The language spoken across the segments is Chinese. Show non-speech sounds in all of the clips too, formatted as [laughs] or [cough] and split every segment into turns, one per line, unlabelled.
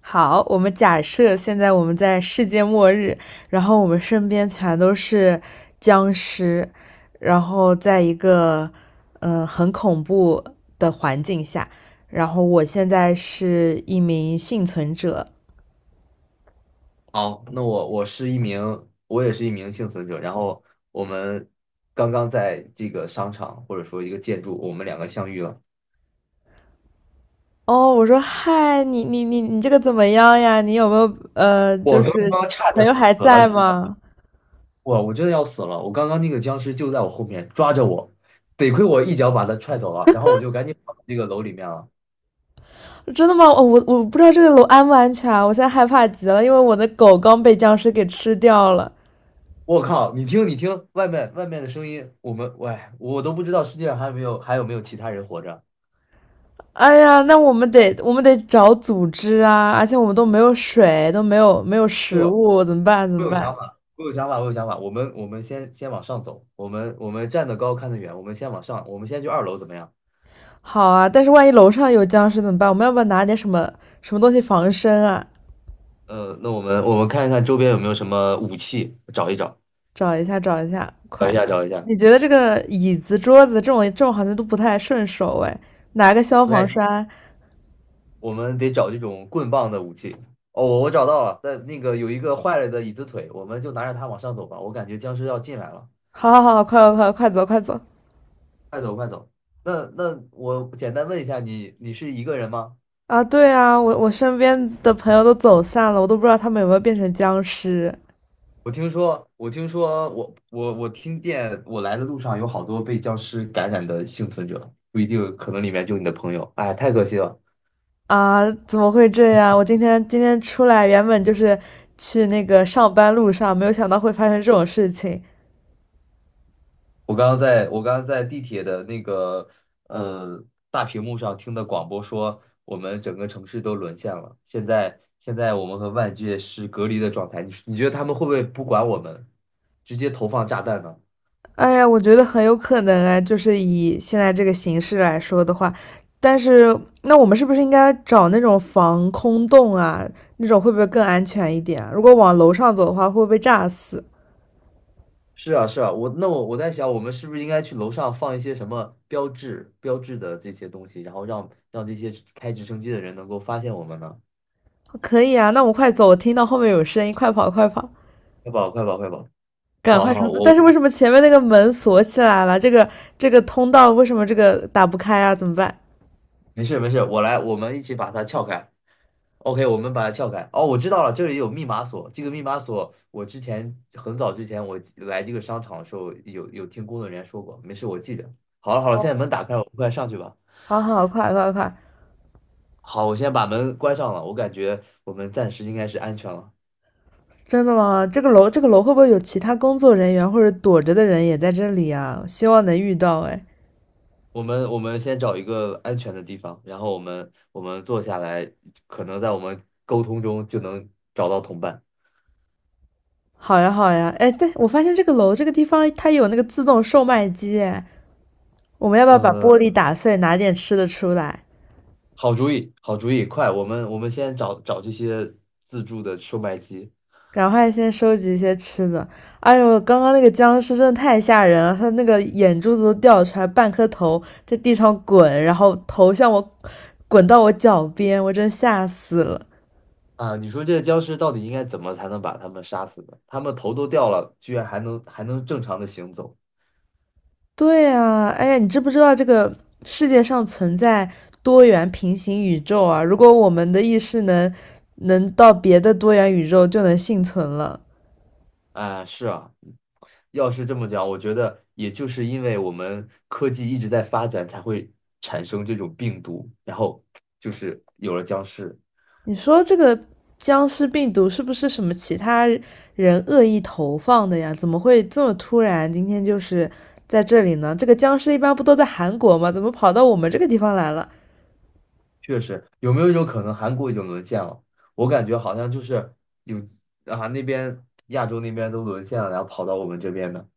好，我们假设现在我们在世界末日，然后我们身边全都是僵尸，然后在一个很恐怖的环境下，然后我现在是一名幸存者。
好，那我是一名，我也是一名幸存者。然后我们刚刚在这个商场或者说一个建筑，我们两个相遇了。
哦，我说嗨，你这个怎么样呀？你有没有就
我刚
是
刚差
朋
点就
友还
死了，
在吗？
我真的要死了。我刚刚那个僵尸就在我后面抓着我，得亏我一脚把他踹走了，然后我就赶紧跑到这个楼里面了。
真的吗？哦，我不知道这个楼安不安全啊，我现在害怕极了，因为我的狗刚被僵尸给吃掉了。
我靠，你听，外面的声音，我们喂，我都不知道世界上还有没有其他人活着。
哎呀，那我们得找组织啊，而且我们都没有水，都没有
对，
食
我
物，怎么办？怎么
有
办？
想法，我有想法，我有想法。我们先往上走，我们站得高看得远，我们先往上，我们先去二楼怎么样？
好啊，但是万一楼上有僵尸怎么办？我们要不要拿点什么东西防身啊？
那我们看一看周边有没有什么武器，找一找，
找一下，找一下，
找一
快！
下找一下。
你觉得这个椅子、桌子这种好像都不太顺手哎，拿个消
不
防
太，
栓。
我们得找这种棍棒的武器。哦，我找到了，在那个有一个坏了的椅子腿，我们就拿着它往上走吧。我感觉僵尸要进来了，
好好好，快走，快走！
快走。那我简单问一下你，你是一个人吗？
啊，对啊，我身边的朋友都走散了，我都不知道他们有没有变成僵尸。
我听说，我听说，我听见，我来的路上有好多被僵尸感染的幸存者，不一定，可能里面就你的朋友。哎，太可惜了！
啊，怎么会这样？我今天出来原本就是去那个上班路上，没有想到会发生这种事情。
我刚刚在地铁的那个呃大屏幕上听的广播说，我们整个城市都沦陷了。现在我们和外界是隔离的状态，你觉得他们会不会不管我们，直接投放炸弹呢？
哎呀，我觉得很有可能啊，就是以现在这个形式来说的话，但是那我们是不是应该找那种防空洞啊？那种会不会更安全一点啊如果往楼上走的话，会不会被炸死？
是啊，是啊，我在想，我们是不是应该去楼上放一些什么标志、标志的这些东西，然后让这些开直升机的人能够发现我们呢？
可以啊，那我们快走，我听到后面有声音，快跑快跑，
快跑，快跑，快跑！
赶
好
快
好，
冲刺！但
我，
是为什么前面那个门锁起来了？这个通道为什么这个打不开啊？怎么办？
没事没事，我来，我们一起把它撬开。OK，我们把它撬开。哦，我知道了，这里有密码锁。这个密码锁，我很早之前我来这个商场的时候有听工作人员说过，没事，我记着。好了好了，现在门打开，我们快上去吧。
好好，快快快！
好，我先把门关上了，我感觉我们暂时应该是安全了。
真的吗？这个楼，这个楼会不会有其他工作人员或者躲着的人也在这里啊？希望能遇到哎。
我们先找一个安全的地方，然后我们坐下来，可能在我们沟通中就能找到同伴。
好呀，好呀，哎，对，我发现这个楼这个地方它有那个自动售卖机哎，我们要不要把玻
呃，
璃打碎，拿点吃的出来？
好主意，好主意，快，我们先找找这些自助的售卖机。
赶快先收集一些吃的。哎呦，刚刚那个僵尸真的太吓人了，他那个眼珠子都掉出来，半颗头在地上滚，然后头向我滚到我脚边，我真吓死了。
啊！你说这些僵尸到底应该怎么才能把他们杀死呢？他们头都掉了，居然还能正常的行走。
对啊，哎呀，你知不知道这个世界上存在多元平行宇宙啊？如果我们的意识能到别的多元宇宙，就能幸存了。
啊！是啊，要是这么讲，我觉得也就是因为我们科技一直在发展，才会产生这种病毒，然后就是有了僵尸。
你说这个僵尸病毒是不是什么其他人恶意投放的呀？怎么会这么突然？今天就是在这里呢？这个僵尸一般不都在韩国吗？怎么跑到我们这个地方来了？
确实，有没有一种可能，韩国已经沦陷了？我感觉好像就是有，啊，那边亚洲那边都沦陷了，然后跑到我们这边的。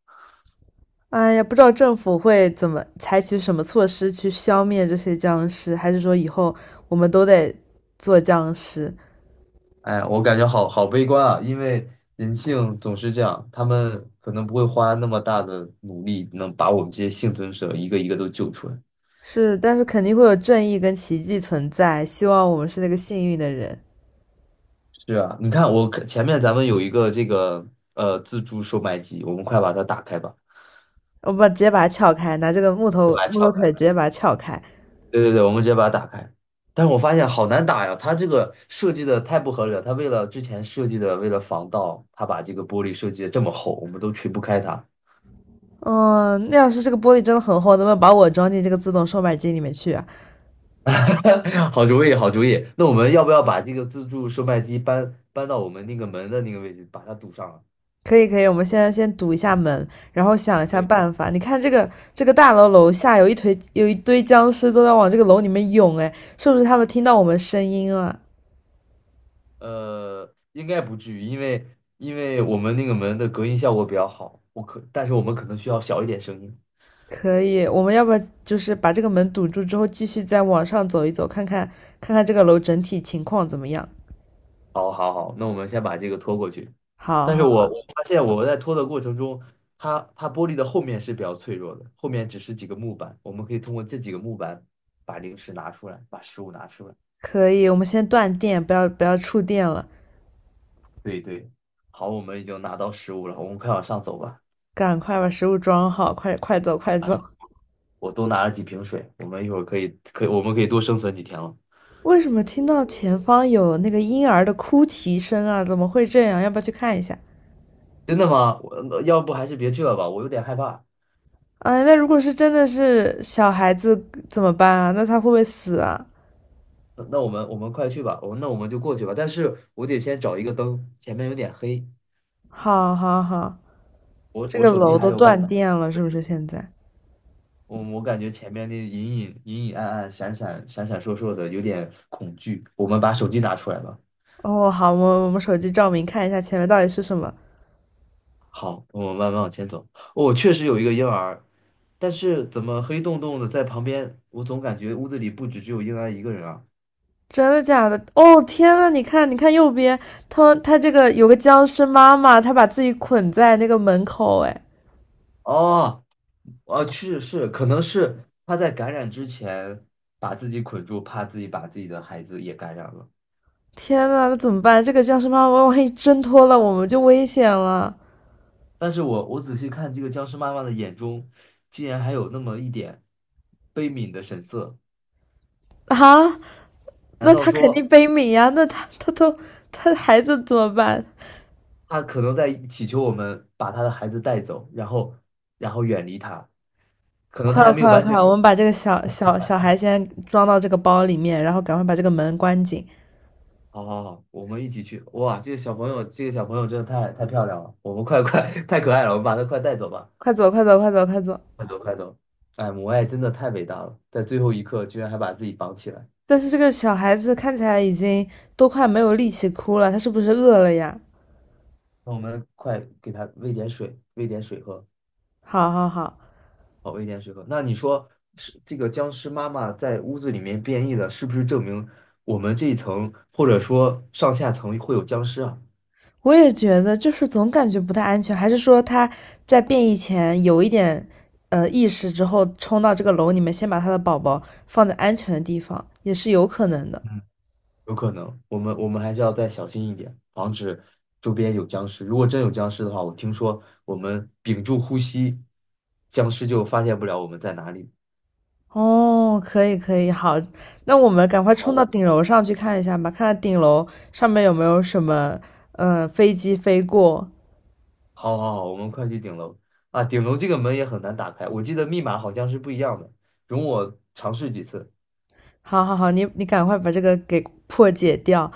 哎呀，不知道政府会怎么采取什么措施去消灭这些僵尸，还是说以后我们都得做僵尸？
哎，我感觉好好悲观啊，因为人性总是这样，他们可能不会花那么大的努力，能把我们这些幸存者一个一个都救出来。
是，但是肯定会有正义跟奇迹存在。希望我们是那个幸运的人。
是啊，你看我前面咱们有一个这个自助售卖机，我们快把它打开吧，
我把直接把它撬开，拿这个木头
来
木头
吧？
腿直接把它撬开。
对对对，我们直接把它打开。但是我发现好难打呀，它这个设计的太不合理了。它为了之前设计的，为了防盗，它把这个玻璃设计的这么厚，我们都锤不开它。
嗯，那要是这个玻璃真的很厚，能不能把我装进这个自动售卖机里面去啊？
[laughs] 好主意，好主意。那我们要不要把这个自助售卖机搬到我们那个门的那个位置，把它堵上了。
可以可以，我们现在先堵一下门，然后想一
可
下
以。
办法。你看这个这个大楼楼下有一堆僵尸都在往这个楼里面涌，哎，是不是他们听到我们声音了？
应该不至于，因为我们那个门的隔音效果比较好。我可，但是我们可能需要小一点声音。
可以，我们要不要就是把这个门堵住之后，继续再往上走一走，看看这个楼整体情况怎么样？
好，好，好，那我们先把这个拖过去。
好
但是
好
我
好，
发现我在拖的过程中，它玻璃的后面是比较脆弱的，后面只是几个木板，我们可以通过这几个木板把零食拿出来，把食物拿出来。
可以，我们先断电，不要触电了，
对对，好，我们已经拿到食物了，我们快往上走吧。
赶快把食物装好，快快走快走。
我多拿了几瓶水，我们一会儿可以可以我们可以多生存几天了。
为什么听到前方有那个婴儿的哭啼声啊？怎么会这样？要不要去看一下？
真的吗？我那要不还是别去了吧，我有点害怕。
哎，那如果是真的是小孩子怎么办啊？那他会不会死啊？
那我们快去吧，我那我们就过去吧。但是我得先找一个灯，前面有点黑，
好，好，好，
我
这
我
个
手机
楼
还
都
有百。
断电了，是不是现在？
我感觉前面那隐隐暗暗、闪闪烁烁的，有点恐惧。我们把手机拿出来吧。
哦，好，我我们手机照明看一下前面到底是什么。
好，我们慢慢往前走。哦，确实有一个婴儿，但是怎么黑洞洞的在旁边？我总感觉屋子里不止只有婴儿一个人啊。
真的假的？哦，天呐，你看，你看右边，他这个有个僵尸妈妈，她把自己捆在那个门口，哎，
哦，啊，是是，可能是他在感染之前把自己捆住，怕自己把自己的孩子也感染了。
天呐，那怎么办？这个僵尸妈妈万一挣脱了，我们就危险了
但是我仔细看这个僵尸妈妈的眼中，竟然还有那么一点悲悯的神色。
啊！
难
那
道
她肯定
说？
悲悯呀，那她都她孩子怎么办？
他可能在祈求我们把他的孩子带走，然后远离他，可能
快
他
了，
还没有
快了，
完
快
全
了
明
我们把这个小小小
白。
孩先装到这个包里面，然后赶快把这个门关紧。
好好好，我们一起去。哇，这个小朋友真的太漂亮了，我们快快 [laughs] 太可爱了，我们把他快带走吧，
快走，快走，快走，快走！
快走。哎，母爱真的太伟大了，在最后一刻居然还把自己绑起来。
但是这个小孩子看起来已经都快没有力气哭了，他是不是饿了呀？
那我们快给他喂点水，喂点水喝。
好好好，
哦，危险时刻。那你说是这个僵尸妈妈在屋子里面变异了，是不是证明我们这一层或者说上下层会有僵尸啊？
我也觉得，就是总感觉不太安全，还是说他在变异前有一点意识之后，冲到这个楼里面，先把他的宝宝放在安全的地方，也是有可能的。
嗯，有可能，我们还是要再小心一点，防止周边有僵尸。如果真有僵尸的话，我听说我们屏住呼吸，僵尸就发现不了我们在哪里。
哦，可以可以，好，那我们赶快
好，
冲到
我，
顶楼上去看一下吧，看看顶楼上面有没有什么飞机飞过。
好好好，我们快去顶楼。啊！顶楼这个门也很难打开，我记得密码好像是不一样的，容我尝试几次。
好好好，你你赶快把这个给破解掉。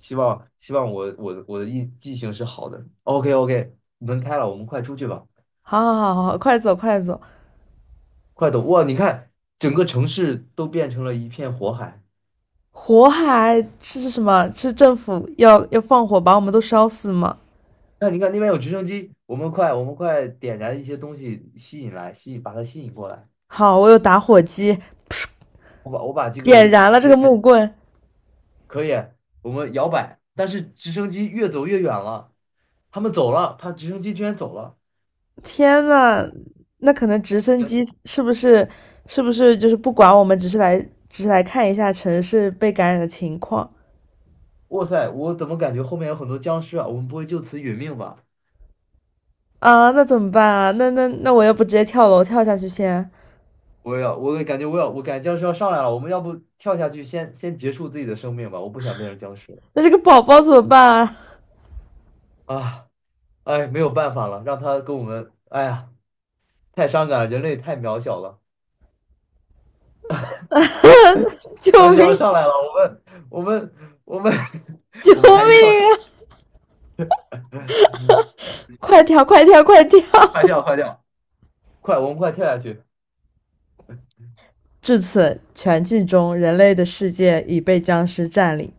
希望我的印记性是好的。OK OK，门开了，我们快出去吧，
好好好好，好快走快走。
快走！哇，你看整个城市都变成了一片火海。
火海是什么？是政府要放火把我们都烧死吗？
那你看那边有直升机，我们快点燃一些东西吸引来，吸引把它吸引过来。
好，我有打火机，
我把这
点
个
燃了这个
位，
木棍。
可以，我们摇摆，但是直升机越走越远了，他们走了，他直升机居然走了。
天呐，那可能直升机是不是就是不管我们，只是来只是来看一下城市被感染的情况
哇塞，我怎么感觉后面有很多僵尸啊？我们不会就此殒命吧？
啊？那怎么办啊？那我要不直接跳楼跳下去先？
我感觉僵尸要上来了，我们要不跳下去先结束自己的生命吧？我不想变成僵尸了。
那这个宝宝怎么办啊？
啊！哎，没有办法了，让他跟我们，哎呀，太伤感了，人类太渺小了。
[laughs] 救
僵尸要
命！
上来了，我们我们 [laughs]
救
我们还是跳下去，
命啊！
嗯，
快跳！快跳！快跳！
快
[laughs]
跳快跳，快，我们快跳下去。
至此，全剧终，人类的世界已被僵尸占领。